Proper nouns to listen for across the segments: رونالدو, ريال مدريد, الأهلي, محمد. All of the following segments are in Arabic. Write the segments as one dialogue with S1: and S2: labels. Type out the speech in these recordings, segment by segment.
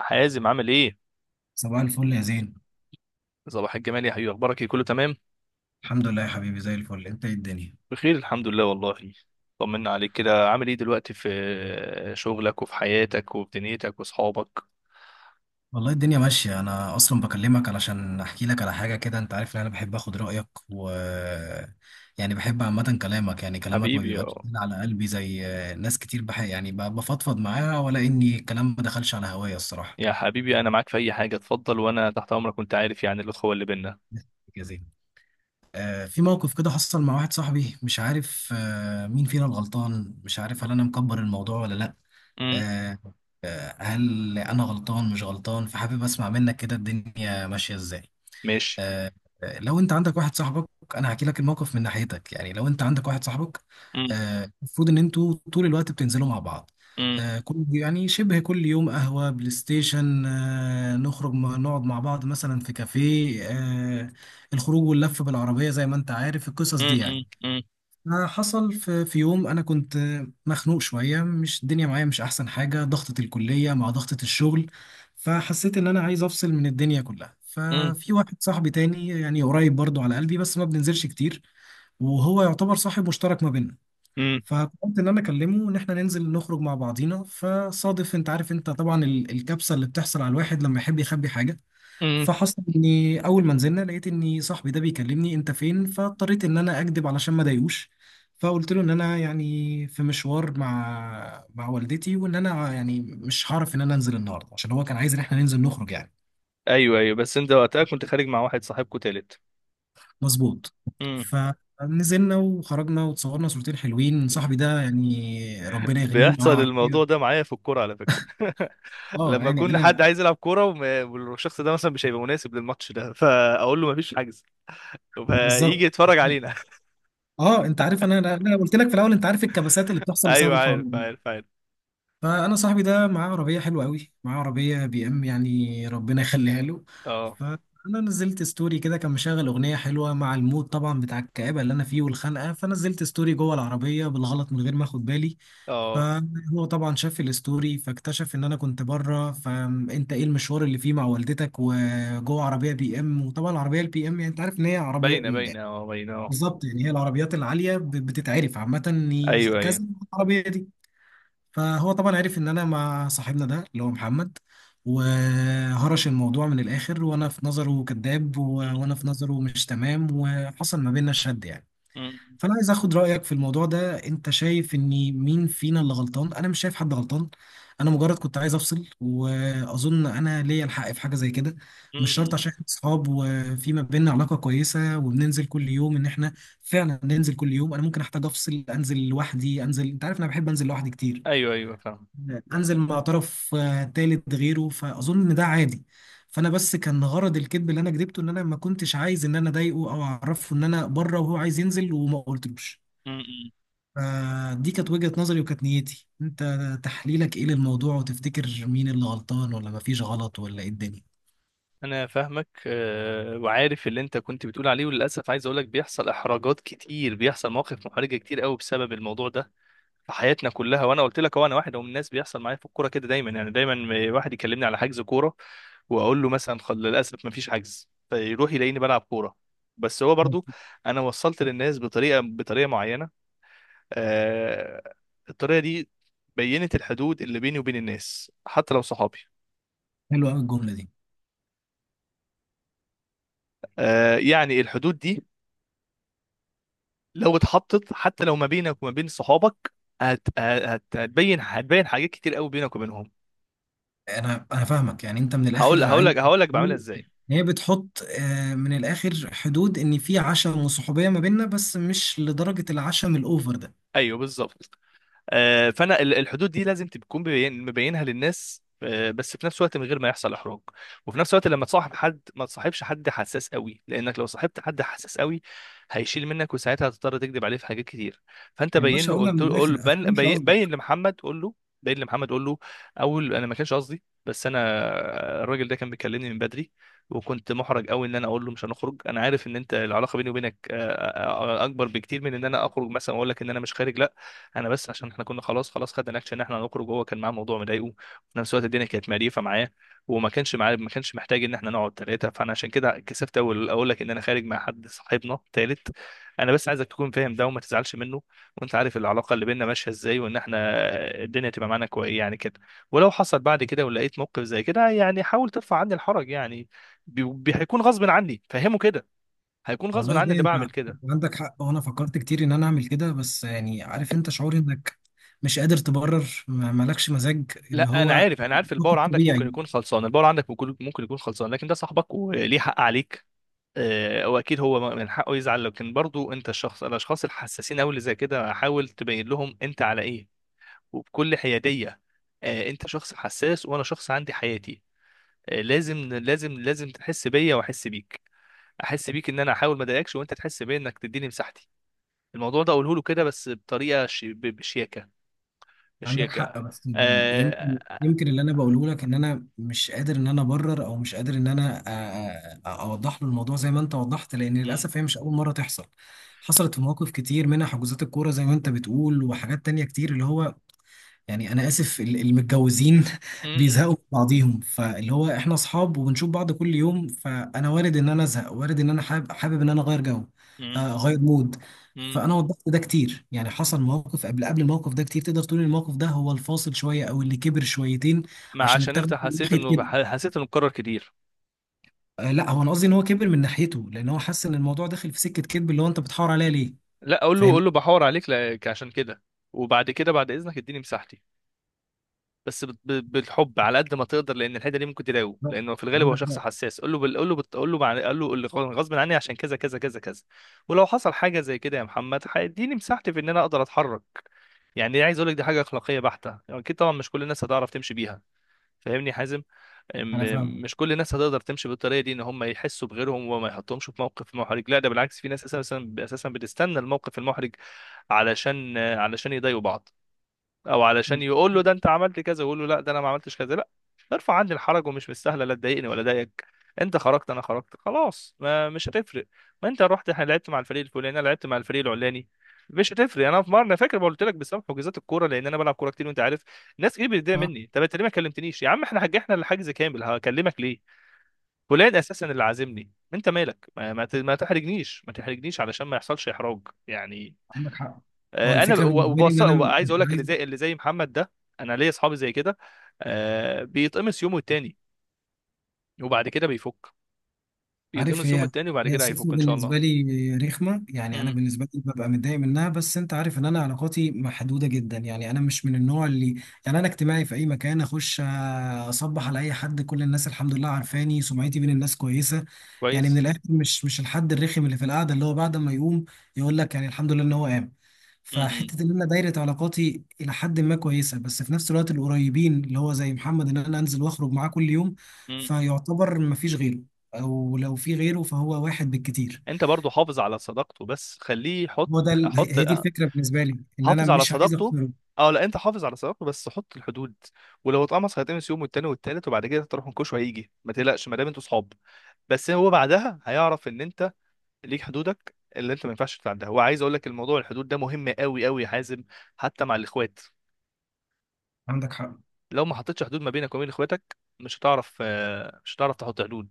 S1: حازم عامل ايه؟
S2: صباح الفل يا زين.
S1: صباح الجمال يا حبيبي، اخبارك ايه؟ كله تمام؟
S2: الحمد لله يا حبيبي زي الفل. انت ايه الدنيا؟
S1: بخير الحمد لله والله. طمنا عليك كده، عامل ايه دلوقتي في شغلك وفي حياتك وفي دنيتك واصحابك؟
S2: والله الدنيا ماشية. انا اصلا بكلمك علشان احكي لك على حاجة كده. انت عارف ان انا بحب اخد رأيك و بحب عامة كلامك. يعني كلامك ما
S1: حبيبي يا
S2: بيبقاش تقيل على قلبي زي ناس كتير، بفضفض معاها، ولا اني الكلام ما دخلش على هوايا الصراحة.
S1: يا حبيبي، انا معاك في اي حاجه، اتفضل وانا تحت امرك وانت عارف يعني الاخوه اللي بينا.
S2: يا زين، في موقف كده حصل مع واحد صاحبي. مش عارف مين فينا الغلطان. مش عارف هل انا مكبر الموضوع ولا لا.
S1: امم.
S2: آه، هل انا غلطان مش غلطان؟ فحابب اسمع منك كده الدنيا ماشيه ازاي.
S1: ماشي.
S2: آه، لو انت عندك واحد صاحبك، انا هحكي لك الموقف من ناحيتك. يعني لو انت عندك واحد صاحبك،
S1: امم.
S2: المفروض ان انتوا طول الوقت بتنزلوا مع بعض.
S1: امم.
S2: كل يعني شبه كل يوم قهوه بلاي ستيشن، نخرج نقعد مع بعض مثلا في كافيه، الخروج واللف بالعربيه زي ما انت عارف القصص دي
S1: امم.
S2: يعني.
S1: امم.
S2: حصل في يوم انا كنت مخنوق شويه. مش الدنيا معايا مش احسن حاجه، ضغطه الكليه مع ضغطه الشغل. فحسيت ان انا عايز افصل من الدنيا كلها.
S1: امم.
S2: ففي واحد صاحبي تاني يعني قريب برضو على قلبي بس ما بننزلش كتير، وهو يعتبر صاحب مشترك ما بيننا.
S1: امم.
S2: فقلت ان انا اكلمه ان احنا ننزل نخرج مع بعضينا. فصادف انت عارف، انت طبعا الكبسه اللي بتحصل على الواحد لما يحب يخبي حاجه.
S1: امم.
S2: فحصل اني اول ما نزلنا لقيت اني صاحبي ده بيكلمني انت فين، فاضطريت ان انا اكذب علشان ما اضايقوش. فقلت له ان انا يعني في مشوار مع والدتي، وان انا يعني مش هعرف ان انا انزل النهارده، عشان هو كان عايز ان احنا ننزل نخرج يعني.
S1: ايوه ايوه، بس انت وقتها كنت خارج مع واحد صاحبكو تالت؟
S2: مظبوط.
S1: امم.
S2: فنزلنا وخرجنا وتصورنا صورتين حلوين. صاحبي ده يعني ربنا يغنيه، معاه
S1: بيحصل
S2: عربيه.
S1: الموضوع ده معايا في الكوره على فكره
S2: اه
S1: لما
S2: يعني
S1: يكون
S2: انا.
S1: حد عايز يلعب كوره والشخص ده مثلا مش هيبقى مناسب للماتش ده، فاقول له مفيش حجز.
S2: بالظبط.
S1: فيجي يتفرج علينا
S2: اه، انت عارف انا قلت لك في الاول، انت عارف الكبسات اللي بتحصل بسبب
S1: ايوه،
S2: الحوار.
S1: عارف عارف عارف.
S2: فانا صاحبي ده معاه عربيه حلوه قوي، معاه عربيه بي ام يعني، ربنا يخليها له.
S1: اه
S2: فانا نزلت ستوري كده كان مشغل اغنيه حلوه مع المود طبعا بتاع الكآبه اللي انا فيه والخنقه، فنزلت ستوري جوه العربيه بالغلط من غير ما اخد بالي.
S1: اه،
S2: فهو طبعا شاف الستوري فاكتشف ان انا كنت بره، فانت ايه المشوار اللي فيه مع والدتك وجوه عربيه بي ام؟ وطبعا العربيه البي ام يعني انت عارف ان هي عربيه.
S1: باينه باينه اه، باينه اه.
S2: بالظبط، يعني هي العربيات العاليه بتتعرف عامه إن
S1: ايوه ايوه.
S2: كذا، العربيه دي. فهو طبعا عرف ان انا مع صاحبنا ده اللي هو محمد، وهرش الموضوع من الاخر، وانا في نظره كذاب وانا
S1: م-
S2: في نظره مش تمام، وحصل ما بيننا شد يعني.
S1: م-
S2: فانا عايز اخد رايك في الموضوع ده. انت شايف ان مين فينا اللي غلطان؟ انا مش شايف حد غلطان. انا مجرد كنت عايز افصل، واظن انا ليا الحق في حاجه زي كده.
S1: م-
S2: مش شرط
S1: م.
S2: عشان احنا اصحاب وفي ما بيننا علاقه كويسه وبننزل كل يوم، ان احنا فعلا ننزل كل يوم. انا ممكن احتاج افصل، انزل لوحدي، انزل، انت عارف انا بحب انزل لوحدي كتير،
S1: ايوه ايوه، فاهم.
S2: انزل مع طرف تالت غيره، فاظن ان ده عادي. فانا بس كان غرض الكذب اللي انا كذبته ان انا ما كنتش عايز ان انا اضايقه او اعرفه ان انا بره وهو عايز ينزل وما قلتلوش.
S1: م- م.
S2: فدي كانت وجهة نظري وكانت نيتي. انت تحليلك ايه للموضوع؟ وتفتكر مين اللي غلطان ولا ما فيش غلط ولا ايه الدنيا؟
S1: انا فاهمك، وعارف اللي انت كنت بتقول عليه، وللاسف عايز اقول لك بيحصل احراجات كتير، بيحصل مواقف محرجه كتير قوي بسبب الموضوع ده في حياتنا كلها. وانا قلت لك، هو انا واحد من الناس بيحصل معايا في الكوره كده دايما يعني دايما. واحد يكلمني على حجز كوره واقول له مثلا للاسف ما فيش حجز، فيروح يلاقيني بلعب كوره. بس هو برضو، انا وصلت للناس بطريقه معينه. آه... الطريقه دي بينت الحدود اللي بيني وبين الناس حتى لو صحابي.
S2: حلوه قوي الجملة دي.
S1: يعني الحدود دي لو اتحطت حتى لو ما بينك وما بين صحابك، هت... هت... هتبين هتبين حاجات كتير قوي بينك وبينهم.
S2: انا فاهمك. يعني انت من
S1: هقول
S2: الاخر
S1: هقول
S2: عايز
S1: لك هقول لك بعملها
S2: تقول
S1: ازاي.
S2: إن هي بتحط من الاخر حدود، ان في عشم وصحوبية ما بيننا بس مش لدرجة العشم الاوفر ده.
S1: ايوه بالظبط. فانا الحدود دي لازم تكون مبينها للناس، بس في نفس الوقت من غير ما يحصل احراج. وفي نفس الوقت لما تصاحب حد، ما تصاحبش حد حساس قوي، لانك لو صاحبت حد حساس قوي هيشيل منك، وساعتها هتضطر تكذب عليه في حاجات كتير. فانت
S2: يا
S1: بين
S2: باشا
S1: له،
S2: اقولها
S1: قلت
S2: من
S1: له
S2: الاخر،
S1: قول بين,
S2: افهمش
S1: بين بين
S2: قصدك.
S1: لمحمد قول له. بين لمحمد قول له، اول انا ما كانش قصدي، بس انا الراجل ده كان بيكلمني من بدري، وكنت محرج قوي ان انا اقول له مش هنخرج. انا عارف ان انت العلاقه بيني وبينك اكبر بكتير من ان انا اخرج مثلا واقول لك ان انا مش خارج، لا. انا بس عشان احنا كنا خلاص خلاص، خدنا الاكشن ان احنا هنخرج، وهو كان معاه موضوع مضايقه، وفي نفس الوقت الدنيا كانت مقريفه معاه. وما كانش معاه ما كانش محتاج ان احنا نقعد ثلاثه، فانا عشان كده كسفت اقول لك ان انا خارج مع حد صاحبنا ثالث. انا بس عايزك تكون فاهم ده وما تزعلش منه. وانت عارف العلاقه اللي بيننا ماشيه ازاي، وان احنا الدنيا تبقى معانا كويس يعني كده. ولو حصل بعد كده ولقيت موقف زي كده، يعني حاول ترفع عني الحرج يعني. هيكون غصب عني، فهمه كده. هيكون غصب
S2: والله
S1: عني
S2: دي
S1: اللي
S2: انت
S1: بعمل كده.
S2: عندك حق، وانا فكرت كتير ان انا اعمل كده، بس يعني عارف انت شعور انك مش قادر تبرر، مالكش مزاج اللي
S1: لا انا
S2: هو
S1: عارف انا عارف الباور
S2: طاقة
S1: عندك ممكن
S2: طبيعي.
S1: يكون خلصان، الباور عندك ممكن يكون خلصان، لكن ده صاحبك وليه حق عليك. واكيد هو من حقه يزعل، لكن برضو انت الاشخاص الحساسين قوي اللي زي كده حاول تبين لهم انت على ايه، وبكل حياديه. انت شخص حساس، وانا شخص عندي حياتي، لازم لازم لازم تحس بيا واحس بيك. احس بيك ان انا احاول ما اضايقكش، وانت تحس بيا انك تديني مساحتي. الموضوع ده اقوله له كده، بس بطريقه بشياكه.
S2: عندك
S1: بشياكه.
S2: حق. بس يعني
S1: آه،
S2: يمكن
S1: آه، آه،
S2: يمكن اللي انا بقوله لك ان انا مش قادر ان انا ابرر، او مش قادر ان انا اوضح له الموضوع زي ما انت وضحت، لان
S1: م-
S2: للاسف هي مش اول مرة تحصل. حصلت في مواقف كتير، منها حجوزات الكورة زي ما انت بتقول، وحاجات تانية كتير اللي هو يعني انا اسف المتجوزين
S1: م-
S2: بيزهقوا من بعضيهم، فاللي هو احنا اصحاب وبنشوف بعض كل يوم. فانا وارد ان انا ازهق، وارد ان انا حابب ان انا اغير جو،
S1: م-
S2: اغير مود.
S1: مم.
S2: فانا وضحت ده كتير، يعني حصل مواقف قبل الموقف ده كتير. تقدر تقول إن الموقف ده هو الفاصل شويه، او اللي كبر شويتين
S1: ما
S2: عشان
S1: عشان انت
S2: اتاخد من
S1: حسيت
S2: ناحيه
S1: انه
S2: كده.
S1: حسيت انه اتكرر كتير.
S2: لا، هو انا قصدي ان هو كبر من ناحيته لان هو حس ان الموضوع داخل في سكه كذب، اللي هو انت بتحاور عليا ليه.
S1: لا، اقول له
S2: فاهم.
S1: اقول له بحور عليك لك عشان كده. وبعد كده بعد اذنك اديني مساحتي، بس بالحب على قد ما تقدر، لان الحته دي ممكن تضايقه، لانه في الغالب هو
S2: عندك
S1: شخص
S2: حق.
S1: حساس. قول له اللي غصب عني عشان كذا كذا كذا كذا. ولو حصل حاجه زي كده يا محمد هيديني مساحتي في ان انا اقدر اتحرك. يعني عايز اقول لك، دي حاجه اخلاقيه بحته، اكيد طبعا مش كل الناس هتعرف تمشي بيها. فاهمني يا حازم؟
S2: انا فاهم.
S1: مش كل الناس هتقدر تمشي بالطريقه دي ان هم يحسوا بغيرهم وما يحطهمش في موقف محرج. لا، ده بالعكس، في ناس اساسا اساسا بتستنى الموقف المحرج علشان يضايقوا بعض، او علشان يقول له ده انت عملت كذا، ويقول له لا ده انا ما عملتش كذا، لا. ارفع عني الحرج، ومش مستاهله لا تضايقني ولا ضايقك. انت خرجت، انا خرجت، خلاص ما مش هتفرق. ما انت رحت لعبت مع الفريق الفلاني، انا لعبت مع الفريق العلاني، مش هتفرق. انا في مره انا فاكر قلت لك بسبب حجوزات الكوره، لان انا بلعب كوره كتير وانت عارف، ناس كتير بتضايق
S2: آه،
S1: مني. طب انت ليه ما كلمتنيش يا عم؟ احنا حجحنا الحجز كامل، هكلمك ليه؟ فلان اساسا اللي عازمني، انت مالك؟ ما تحرجنيش علشان ما يحصلش احراج يعني.
S2: عندك حق. هو
S1: انا
S2: الفكره
S1: و-
S2: بالنسبه لي ان
S1: وبص،
S2: انا
S1: عايز
S2: مش
S1: اقول لك اللي
S2: عايز.
S1: زي محمد ده، انا ليا اصحابي زي كده. بيتقمص يومه التاني وبعد كده بيفك.
S2: عارف،
S1: بيتقمص يومه
S2: هي
S1: التاني، وبعد
S2: هي
S1: كده
S2: الصفة
S1: هيفك ان شاء الله.
S2: بالنسبة لي رخمة يعني. أنا
S1: امم.
S2: بالنسبة لي ببقى متضايق منها، بس أنت عارف إن أنا علاقاتي محدودة جدا. يعني أنا مش من النوع اللي، يعني أنا اجتماعي في أي مكان أخش أصبح على أي حد. كل الناس الحمد لله عارفاني، سمعتي بين الناس كويسة. يعني من
S1: كويس.
S2: الآخر مش الحد الرخم اللي في القعدة، اللي هو بعد ما يقوم يقول لك يعني الحمد لله إن هو قام.
S1: امم.
S2: فحتة إن أنا دايرة علاقاتي إلى حد ما كويسة، بس في نفس الوقت القريبين اللي هو زي محمد، إن أنا أنزل وأخرج معاه كل يوم،
S1: امم.
S2: فيعتبر مفيش غيره، او لو في غيره فهو واحد بالكتير.
S1: انت برضو حافظ على صداقته، بس خليه يحط.
S2: هو ده ال- هي
S1: حط،
S2: هي دي الفكره بالنسبه لي ان انا
S1: حافظ على
S2: مش عايز
S1: صداقته.
S2: اختاره.
S1: اه لا، انت حافظ على صداقته بس حط الحدود. ولو اتقمص هيتقمص يوم والتاني والتالت، وبعد كده تروح منكوش وهيجي، ما تقلقش ما دام انتوا صحاب. بس هو بعدها هيعرف ان انت ليك حدودك اللي انت ما ينفعش تتعداها. وعايز اقول لك الموضوع الحدود ده مهم قوي قوي يا حازم، حتى مع الاخوات.
S2: عندك حق.
S1: لو ما حطيتش حدود ما بينك وبين اخواتك، مش هتعرف، تحط حدود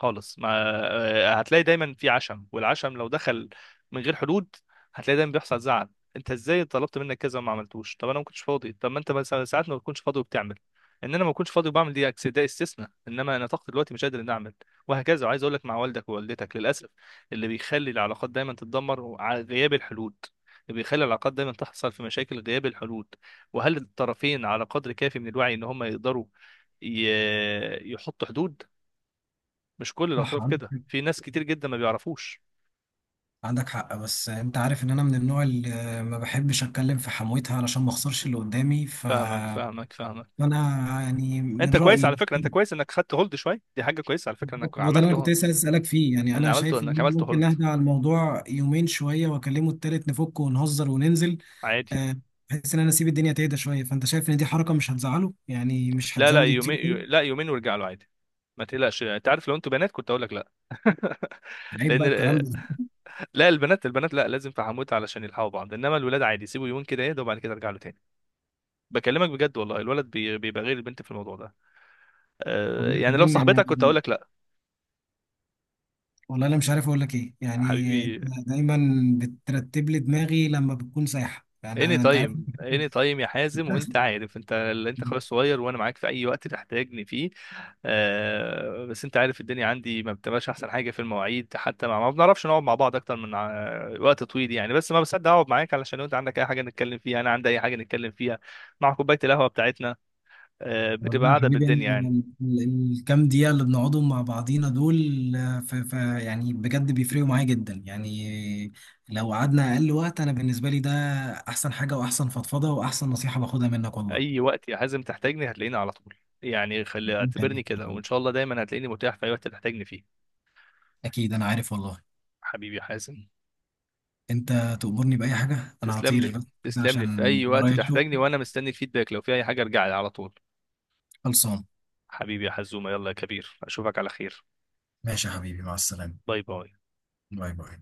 S1: خالص ما. هتلاقي دايما في عشم، والعشم لو دخل من غير حدود هتلاقي دايما بيحصل زعل. انت ازاي طلبت منك كذا وما عملتوش؟ طب انا ما كنتش فاضي. طب ما انت مثلا ساعات ما بتكونش فاضي وبتعمل. ان انا ما كنتش فاضي وبعمل دي ده استثناء، انما انا طاقتي دلوقتي مش قادر اني اعمل، وهكذا. وعايز اقول لك مع والدك ووالدتك للاسف، اللي بيخلي العلاقات دايما تتدمر على غياب الحلول. اللي بيخلي العلاقات دايما تحصل في مشاكل غياب الحلول، وهل الطرفين على قدر كافي من الوعي ان هم يقدروا يحطوا حدود. مش كل
S2: صح،
S1: الاطراف
S2: عندك
S1: كده،
S2: حق.
S1: في ناس كتير جدا ما بيعرفوش.
S2: عندك حق، بس انت عارف ان انا من النوع اللي ما بحبش اتكلم في حمويتها علشان ما اخسرش اللي قدامي. ف
S1: فاهمك فاهمك فاهمك.
S2: انا يعني من
S1: انت كويس
S2: رايي،
S1: على فكره، انت كويس انك خدت هولد شويه، دي حاجه كويسه على فكره انك
S2: هو ده اللي انا كنت
S1: عملته.
S2: لسه عايز اسالك فيه. يعني
S1: ان
S2: انا
S1: عملته،
S2: شايف
S1: انك
S2: ان
S1: عملت
S2: ممكن
S1: هولد
S2: نهدى على الموضوع يومين شويه واكلمه التالت نفك ونهزر وننزل،
S1: عادي.
S2: آه، بحيث ان انا اسيب الدنيا تهدى شويه. فانت شايف ان دي حركه مش هتزعله؟ يعني مش
S1: لا لا،
S2: هتزود الطين؟
S1: يومين يو- لا يومين وارجع له عادي، ما تقلقش. انت عارف لو انتوا بنات كنت اقول لك لا
S2: عيب
S1: لان
S2: بقى الكلام ده.
S1: لا البنات البنات لا، لازم في حموت علشان يلحقوا بعض، انما الولاد عادي، سيبوا يومين كده يهدوا وبعد كده ارجع له تاني. بكلمك بجد والله، الولد بيبقى غير البنت في الموضوع ده.
S2: والله
S1: يعني لو
S2: الدنيا يعني،
S1: صاحبتك كنت اقول لك لا.
S2: والله انا مش عارف اقول لك ايه يعني. أنت
S1: حبيبي،
S2: دايما بترتب لي دماغي لما بتكون سايحه، يعني
S1: اني
S2: انت عارف.
S1: تايم اني تايم يا حازم، وانت عارف، انت اللي انت اخويا الصغير وانا معاك في اي وقت تحتاجني فيه. آه، بس انت عارف الدنيا عندي ما بتبقاش احسن حاجه في المواعيد، حتى ما بنعرفش نقعد مع بعض اكتر من وقت طويل يعني، بس ما بصدق اقعد معاك علشان لو انت عندك اي حاجه نتكلم فيها، انا عندي اي حاجه نتكلم فيها مع كوبايه القهوه بتاعتنا. آه، بتبقى
S2: والله يا
S1: قاعده
S2: حبيبي
S1: بالدنيا يعني.
S2: انا، الكام دقيقه اللي بنقعدهم مع بعضينا دول آه، ف ف يعني بجد بيفرقوا معايا جدا يعني. لو قعدنا اقل وقت، انا بالنسبه لي ده احسن حاجه واحسن فضفضه واحسن نصيحه باخدها منك والله.
S1: اي وقت يا حازم تحتاجني هتلاقيني على طول، يعني خلي اعتبرني
S2: خليك،
S1: كده، وان شاء الله دايما هتلاقيني متاح في اي وقت تحتاجني فيه.
S2: اكيد انا عارف والله.
S1: حبيبي يا حازم.
S2: انت تأمرني بأي حاجه انا
S1: تسلم
S2: هطير،
S1: لي
S2: بس
S1: تسلم لي، في
S2: عشان
S1: اي وقت
S2: ورايا
S1: تحتاجني
S2: شغل
S1: وانا مستني الفيدباك، لو في اي حاجه ارجع لي على طول.
S2: خلصان.
S1: حبيبي يا حزومه، يلا يا كبير، اشوفك على خير.
S2: ماشي يا حبيبي، مع السلامة.
S1: باي باي.
S2: باي باي.